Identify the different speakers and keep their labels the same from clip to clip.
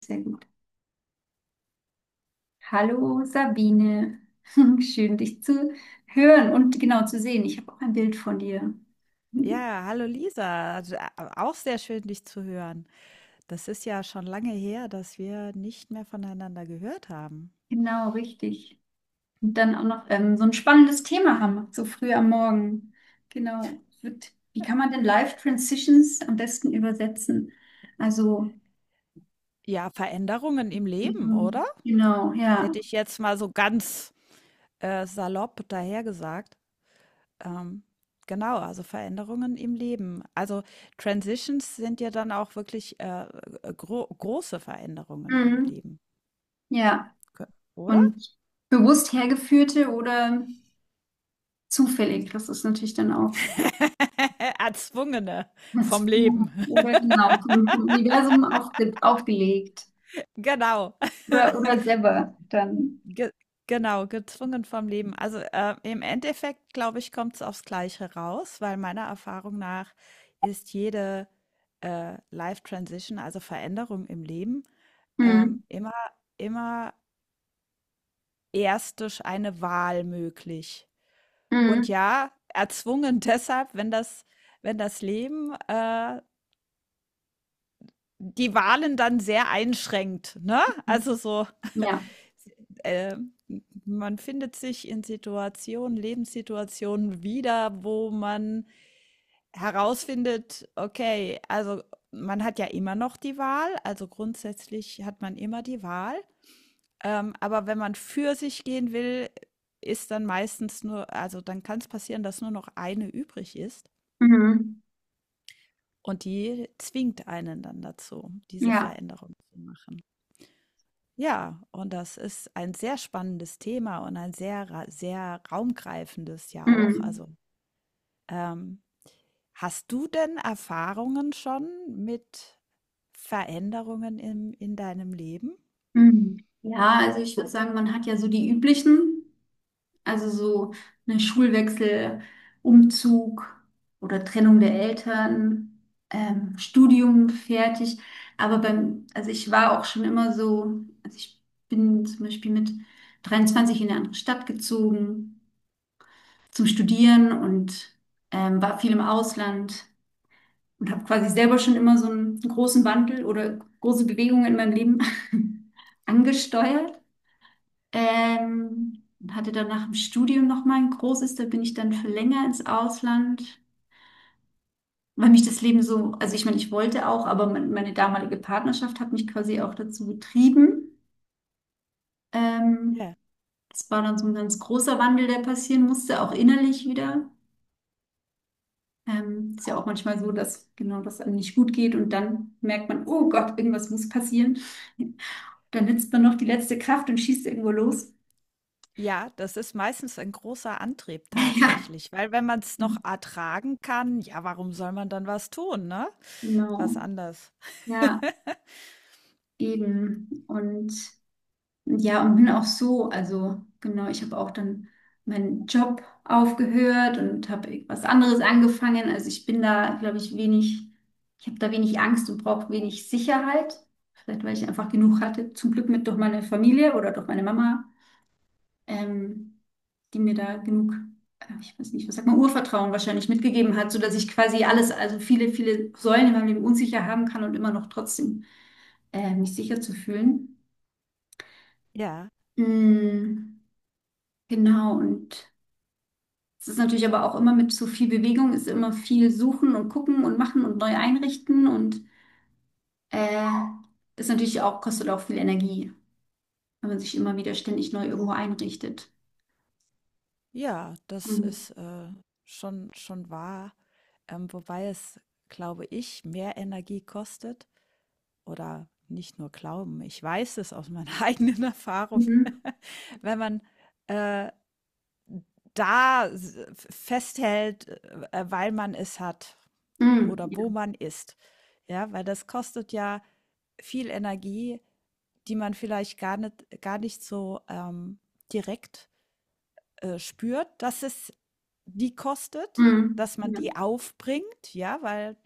Speaker 1: Sehr gut. Hallo Sabine, schön dich zu hören und genau zu sehen. Ich habe auch ein Bild von dir. Mhm.
Speaker 2: Ja, hallo Lisa, auch sehr schön, dich zu hören. Das ist ja schon lange her, dass wir nicht mehr voneinander gehört haben.
Speaker 1: Genau, richtig. Und dann auch noch so ein spannendes Thema haben, so früh am Morgen. Genau. Wird, wie kann man denn Life Transitions am besten übersetzen? Also,
Speaker 2: Ja, Veränderungen im Leben, oder?
Speaker 1: genau, ja.
Speaker 2: Hätte ich jetzt mal so ganz salopp dahergesagt. Ähm, genau, also Veränderungen im Leben. Also Transitions sind ja dann auch wirklich große Veränderungen im
Speaker 1: Mhm.
Speaker 2: Leben,
Speaker 1: Ja.
Speaker 2: Ge- oder?
Speaker 1: Und bewusst hergeführte oder zufällig, das ist natürlich dann auch.
Speaker 2: Erzwungene vom
Speaker 1: Als-
Speaker 2: Leben.
Speaker 1: Oder genau, vom Universum aufgelegt.
Speaker 2: Genau.
Speaker 1: Oder selber dann.
Speaker 2: Ge Genau, gezwungen vom Leben. Also, im Endeffekt, glaube ich, kommt es aufs Gleiche raus, weil meiner Erfahrung nach ist jede, Life Transition, also Veränderung im Leben, ähm,
Speaker 1: Mhm.
Speaker 2: immer immer erst durch eine Wahl möglich. Und
Speaker 1: Mhm.
Speaker 2: ja, erzwungen deshalb, wenn das Leben, die Wahlen dann sehr einschränkt, ne? Also so
Speaker 1: Ja.
Speaker 2: äh, man findet sich in Situationen, Lebenssituationen wieder, wo man herausfindet, okay, also man hat ja immer noch die Wahl, also grundsätzlich hat man immer die Wahl. Aber wenn man für sich gehen will, ist dann meistens nur, also dann kann es passieren, dass nur noch eine übrig ist.
Speaker 1: Mhm.
Speaker 2: Und die zwingt einen dann dazu, diese
Speaker 1: Ja.
Speaker 2: Veränderung zu machen. Ja, und das ist ein sehr spannendes Thema und ein sehr raumgreifendes ja auch.
Speaker 1: Mhm.
Speaker 2: Also, ähm, hast du denn Erfahrungen schon mit Veränderungen im, in deinem Leben?
Speaker 1: Mhm. Ja, also ich würde sagen, man hat ja so die üblichen, also so eine Schulwechsel, Umzug oder Trennung der Eltern, Studium fertig. Aber beim, also ich war auch schon immer so, also ich bin zum Beispiel mit 23 in eine andere Stadt gezogen zum Studieren und war viel im Ausland und habe quasi selber schon immer so einen großen Wandel oder große Bewegungen in meinem Leben angesteuert. Und hatte dann nach dem Studium nochmal ein großes, da bin ich dann für länger ins Ausland, weil mich das Leben so, also ich meine, ich wollte auch, aber mein, meine damalige Partnerschaft hat mich quasi auch dazu getrieben. Ähm,
Speaker 2: Ja.
Speaker 1: Das war dann so ein ganz großer Wandel, der passieren musste, auch innerlich wieder. Ist ja auch manchmal so, dass genau das einem nicht gut geht und dann merkt man, oh Gott, irgendwas muss passieren. Dann nützt man noch die letzte Kraft und schießt irgendwo los.
Speaker 2: Ja, das ist meistens ein großer Antrieb
Speaker 1: Ja.
Speaker 2: tatsächlich, weil wenn man es noch ertragen kann, ja, warum soll man dann was tun, ne?
Speaker 1: Genau.
Speaker 2: Was anders.
Speaker 1: Ja, eben. Und ja, und bin auch so, also genau, ich habe auch dann meinen Job aufgehört und habe irgendwas anderes angefangen. Also ich bin da, glaube ich, wenig, ich habe da wenig Angst und brauche wenig Sicherheit. Vielleicht, weil ich einfach genug hatte, zum Glück mit durch meine Familie oder durch meine Mama. ähm, Die mir da genug, ich weiß nicht, was sagt man, Urvertrauen wahrscheinlich mitgegeben hat, sodass ich quasi alles,
Speaker 2: Mhm.
Speaker 1: also viele Säulen in meinem Leben unsicher haben kann und immer noch trotzdem mich sicher zu fühlen.
Speaker 2: Ja.
Speaker 1: Mm, genau, und es ist natürlich aber auch immer mit so viel Bewegung, ist immer viel suchen und gucken und machen und neu einrichten und äh, ist natürlich auch, kostet auch viel Energie, wenn man sich immer wieder ständig neu irgendwo einrichtet.
Speaker 2: Ja, das
Speaker 1: Mhm.
Speaker 2: ist, schon wahr, wobei es, glaube ich, mehr Energie kostet oder nicht nur glauben, ich weiß es aus meiner eigenen Erfahrung,
Speaker 1: Mhm.
Speaker 2: wenn man, äh, da s festhält, weil man es hat
Speaker 1: Mhm.
Speaker 2: oder
Speaker 1: Ja.
Speaker 2: wo man ist. Ja, weil das kostet ja viel Energie, die man vielleicht gar nicht so, direkt spürt, dass es die kostet,
Speaker 1: Mhm.
Speaker 2: dass man
Speaker 1: Ja.
Speaker 2: die aufbringt, ja, weil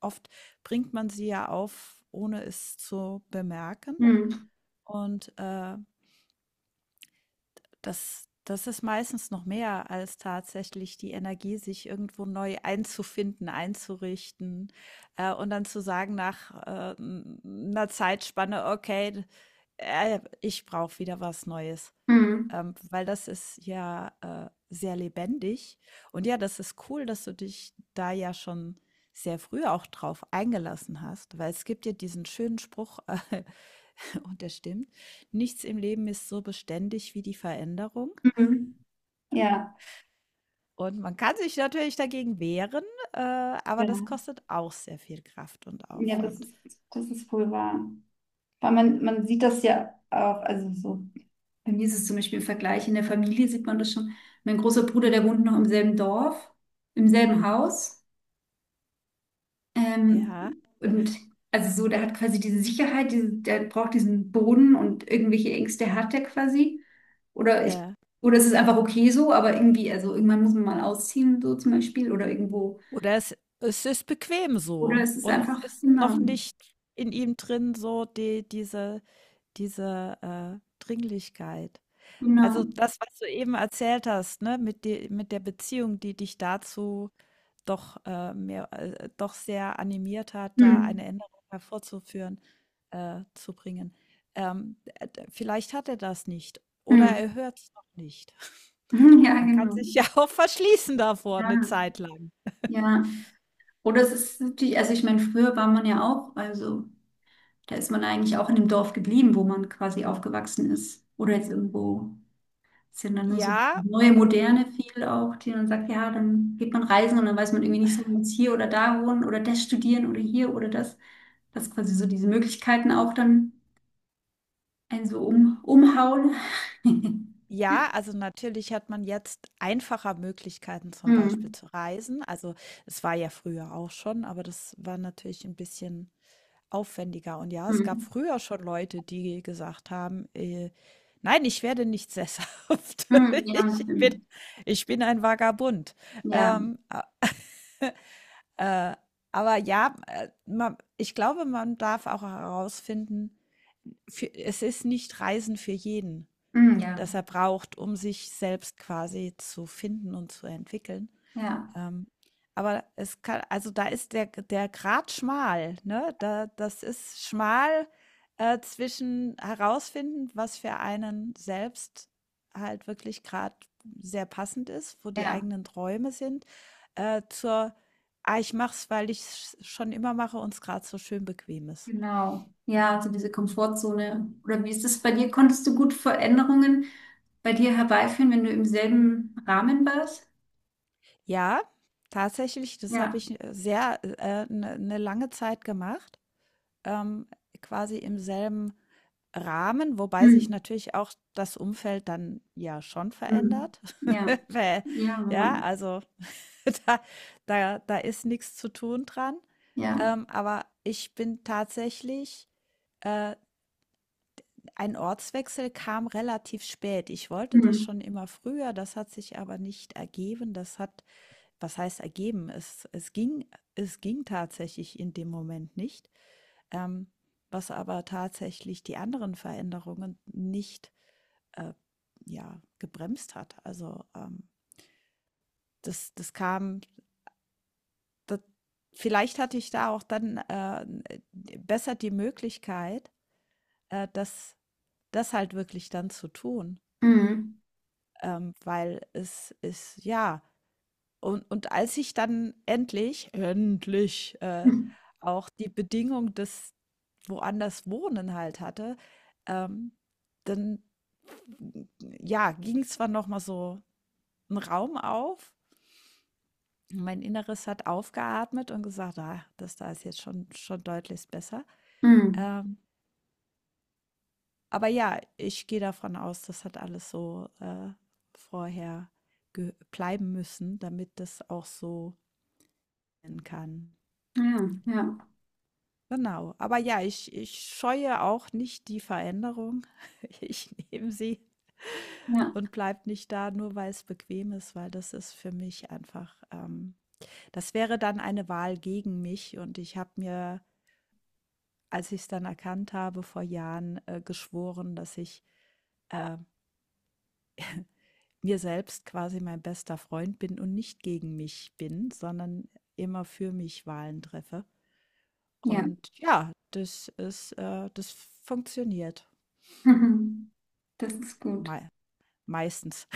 Speaker 2: oft bringt man sie ja auf, ohne es zu bemerken.
Speaker 1: Mhm.
Speaker 2: Und das ist meistens noch mehr als tatsächlich die Energie, sich irgendwo neu einzufinden, einzurichten und dann zu sagen nach einer Zeitspanne, okay, ich brauche wieder was Neues.
Speaker 1: Mhm.
Speaker 2: Weil das ist ja, sehr lebendig. Und ja, das ist cool, dass du dich da ja schon sehr früh auch drauf eingelassen hast, weil es gibt ja diesen schönen Spruch, äh, und der stimmt, nichts im Leben ist so beständig wie die Veränderung.
Speaker 1: Mhm. Ja,
Speaker 2: Und man kann sich natürlich dagegen wehren, aber das
Speaker 1: ja,
Speaker 2: kostet auch sehr viel Kraft und
Speaker 1: ja,
Speaker 2: Aufwand.
Speaker 1: das ist wohl wahr. Weil man sieht das ja auch, also so, bei mir ist es zum Beispiel im Vergleich, in der Familie sieht man das schon. Mein großer Bruder, der wohnt noch im selben Dorf, im selben Haus. Ähm,
Speaker 2: Ja,
Speaker 1: und also so, der hat quasi diese Sicherheit, diese, der braucht diesen Boden und irgendwelche Ängste hat er quasi. Oder ich,
Speaker 2: ja.
Speaker 1: oder es ist einfach okay so, aber irgendwie, also irgendwann muss man mal ausziehen, so zum Beispiel, oder irgendwo.
Speaker 2: Oder es ist bequem
Speaker 1: Oder
Speaker 2: so
Speaker 1: es ist
Speaker 2: und es
Speaker 1: einfach,
Speaker 2: ist
Speaker 1: genau,
Speaker 2: noch nicht in ihm drin so die Dringlichkeit. Also,
Speaker 1: genau.
Speaker 2: das, was du eben erzählt hast, ne, mit de mit der Beziehung, die dich dazu doch, mehr doch sehr animiert hat, da
Speaker 1: Hm.
Speaker 2: eine Änderung hervorzuführen, zu bringen. D Vielleicht hat er das nicht oder
Speaker 1: Hm.
Speaker 2: er hört es noch nicht.
Speaker 1: Ja,
Speaker 2: Man kann
Speaker 1: genau.
Speaker 2: sich ja auch verschließen davor eine
Speaker 1: Ja,
Speaker 2: Zeit lang.
Speaker 1: ja. Oder es ist natürlich, also ich meine, früher war man ja auch, also da ist man eigentlich auch in dem Dorf geblieben, wo man quasi aufgewachsen ist. Oder jetzt irgendwo sind dann nur so
Speaker 2: Ja,
Speaker 1: neue Moderne viel auch, die dann sagt, ja, dann geht man reisen und dann weiß man irgendwie nicht, soll man jetzt hier oder da wohnen oder das studieren oder hier oder das. Dass quasi so diese Möglichkeiten auch dann einen so umhauen.
Speaker 2: ja, also natürlich hat man jetzt einfacher Möglichkeiten, zum Beispiel
Speaker 1: Hm.
Speaker 2: zu reisen. Also es war ja früher auch schon, aber das war natürlich ein bisschen aufwendiger. Und ja, es gab
Speaker 1: Hm.
Speaker 2: früher schon Leute, die gesagt haben, nein, ich werde nicht sesshaft.
Speaker 1: Hm. Ja,
Speaker 2: Ich bin,
Speaker 1: stimmt.
Speaker 2: ich bin ein Vagabund.
Speaker 1: Ja,
Speaker 2: Ähm, a- äh, aber ja, ich glaube, man darf auch herausfinden, es ist nicht Reisen für jeden
Speaker 1: hm, ja,
Speaker 2: das er braucht, um sich selbst quasi zu finden und zu entwickeln.
Speaker 1: ja.
Speaker 2: Ähm, aber es kann, also da ist der Grat schmal, ne? Da, das ist schmal zwischen herausfinden, was für einen selbst halt wirklich gerade sehr passend ist, wo die
Speaker 1: Ja,
Speaker 2: eigenen Träume sind, äh, zur, ah, ich mach's, weil ich es schon immer mache und es gerade so schön bequem ist.
Speaker 1: genau. Ja, also diese Komfortzone. Oder wie ist das bei dir? Konntest du gut Veränderungen bei dir herbeiführen, wenn du im selben Rahmen warst?
Speaker 2: Ja, tatsächlich, das habe
Speaker 1: Ja.
Speaker 2: ich sehr eine ne lange Zeit gemacht. ähm, quasi im selben Rahmen, wobei sich
Speaker 1: Hm.
Speaker 2: natürlich auch das Umfeld dann ja schon
Speaker 1: Hm.
Speaker 2: verändert.
Speaker 1: Ja,
Speaker 2: Weil,
Speaker 1: ja, wenn
Speaker 2: ja,
Speaker 1: man,
Speaker 2: also da, da ist nichts zu tun dran.
Speaker 1: ja.
Speaker 2: Aber ich bin tatsächlich, äh, ein Ortswechsel kam relativ spät. Ich wollte das
Speaker 1: Hm.
Speaker 2: schon immer früher, das hat sich aber nicht ergeben. Das hat, was heißt ergeben? Es ging tatsächlich in dem Moment nicht ähm, was aber tatsächlich die anderen Veränderungen nicht äh, ja, gebremst hat. Also das kam, das, vielleicht hatte ich da auch dann besser die Möglichkeit, äh, das, das halt wirklich dann zu tun,
Speaker 1: Hm.
Speaker 2: weil es ist, ja, und als ich dann endlich
Speaker 1: Hm.
Speaker 2: auch die Bedingung des, woanders wohnen halt hatte, ähm, dann ja, ging zwar noch mal so ein Raum auf. Mein Inneres hat aufgeatmet und gesagt, ah, das da ist jetzt schon deutlich besser.
Speaker 1: Hm.
Speaker 2: Ähm, aber ja, ich gehe davon aus, das hat alles so vorher bleiben müssen, damit das auch so sein kann.
Speaker 1: Ja, ja,
Speaker 2: Genau. Aber ja, ich scheue auch nicht die Veränderung. Ich nehme sie
Speaker 1: ja,
Speaker 2: und bleibt nicht da, nur weil es bequem ist, weil das ist für mich einfach, das wäre dann eine Wahl gegen mich. Und ich habe mir, als ich es dann erkannt habe, vor Jahren geschworen, dass ich äh, mir selbst quasi mein bester Freund bin und nicht gegen mich bin, sondern immer für mich Wahlen treffe.
Speaker 1: ja.
Speaker 2: Und ja, das ist, das funktioniert
Speaker 1: Mhm. Das ist gut.
Speaker 2: mei- meistens.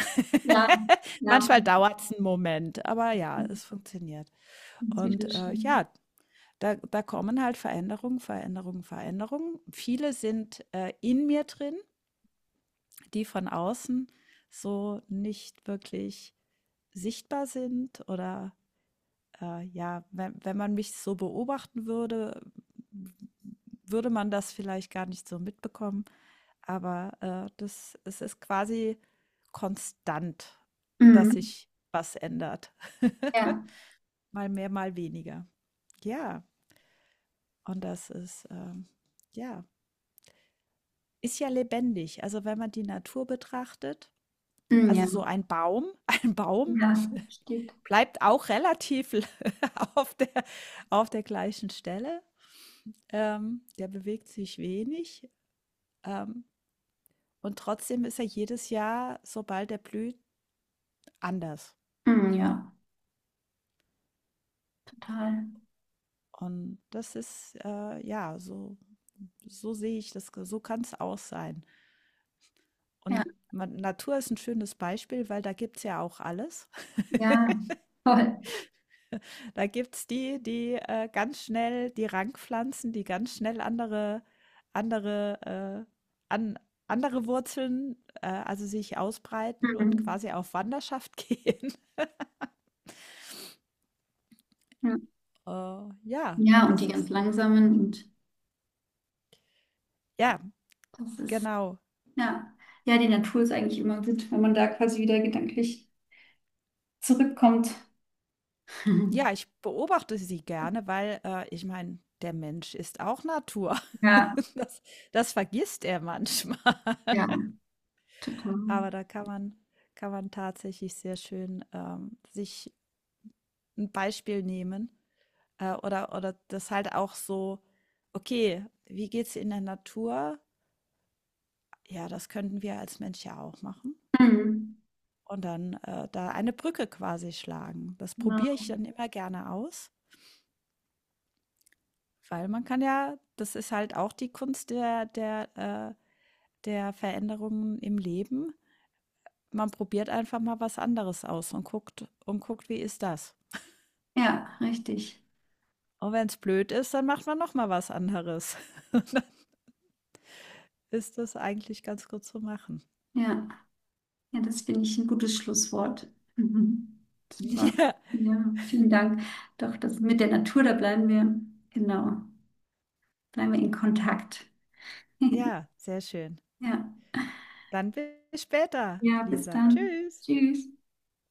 Speaker 1: Ja, ja.
Speaker 2: Manchmal dauert es einen Moment, aber ja,
Speaker 1: Das
Speaker 2: es funktioniert.
Speaker 1: ist wieder
Speaker 2: Und
Speaker 1: schön.
Speaker 2: ja, da kommen halt Veränderungen, Veränderungen, Veränderungen. Viele sind in mir drin, die von außen so nicht wirklich sichtbar sind oder ja, wenn man mich so beobachten würde, würde man das vielleicht gar nicht so mitbekommen. Aber es ist quasi konstant,
Speaker 1: Hm.
Speaker 2: dass sich was ändert.
Speaker 1: Ja,
Speaker 2: mal mehr, mal weniger. Ja. Und das ist, ja, ist ja lebendig. Also wenn man die Natur betrachtet,
Speaker 1: hm,
Speaker 2: also
Speaker 1: ja.
Speaker 2: so ein Baum, ein Baum
Speaker 1: Ja, steht.
Speaker 2: bleibt auch relativ auf auf der gleichen Stelle. Der bewegt sich wenig. Ähm, und trotzdem ist er jedes Jahr, sobald er blüht, anders.
Speaker 1: Hm, ja, total.
Speaker 2: Und das ist, ja, so, so sehe ich das, so kann es auch sein.
Speaker 1: Ja,
Speaker 2: Und man, Natur ist ein schönes Beispiel, weil da gibt es ja auch alles.
Speaker 1: ja, toll.
Speaker 2: Da gibt es die ganz schnell die Rankpflanzen, die ganz schnell andere, äh, an, andere Wurzeln, also sich ausbreiten und
Speaker 1: Hm.
Speaker 2: quasi auf Wanderschaft gehen.
Speaker 1: Hm.
Speaker 2: Äh, ja,
Speaker 1: Ja, und die
Speaker 2: das
Speaker 1: ganz
Speaker 2: ist.
Speaker 1: langsamen und
Speaker 2: Ja,
Speaker 1: das ist,
Speaker 2: genau.
Speaker 1: ja, ja, die Natur ist eigentlich immer gut, wenn man da quasi wieder gedanklich zurückkommt.
Speaker 2: Ja, ich beobachte sie gerne, weil ich meine, der Mensch ist auch Natur.
Speaker 1: Ja,
Speaker 2: Das, das vergisst er manchmal.
Speaker 1: ja, total.
Speaker 2: Aber da kann man tatsächlich sehr schön sich ein Beispiel nehmen, oder das halt auch so: „Okay, wie geht's in der Natur? Ja, das könnten wir als Mensch ja auch machen.“
Speaker 1: Mhm.
Speaker 2: Und dann, da eine Brücke quasi schlagen. Das probiere
Speaker 1: Genau.
Speaker 2: ich dann immer gerne aus, weil man kann ja das ist halt auch die Kunst der Veränderungen im Leben. Man probiert einfach mal was anderes aus und guckt, wie ist das?
Speaker 1: Ja, richtig.
Speaker 2: Und wenn es blöd ist, dann macht man noch mal was anderes. Und dann ist das eigentlich ganz gut zu machen.
Speaker 1: Ja, ja, das finde ich ein gutes Schlusswort. Mhm. Super.
Speaker 2: Ja,
Speaker 1: Ja, vielen Dank. Doch, das mit der Natur, da bleiben wir, genau, bleiben wir in Kontakt.
Speaker 2: ja, sehr schön.
Speaker 1: Ja,
Speaker 2: Dann bis später,
Speaker 1: ja, bis
Speaker 2: Lisa.
Speaker 1: dann.
Speaker 2: Tschüss.
Speaker 1: Tschüss.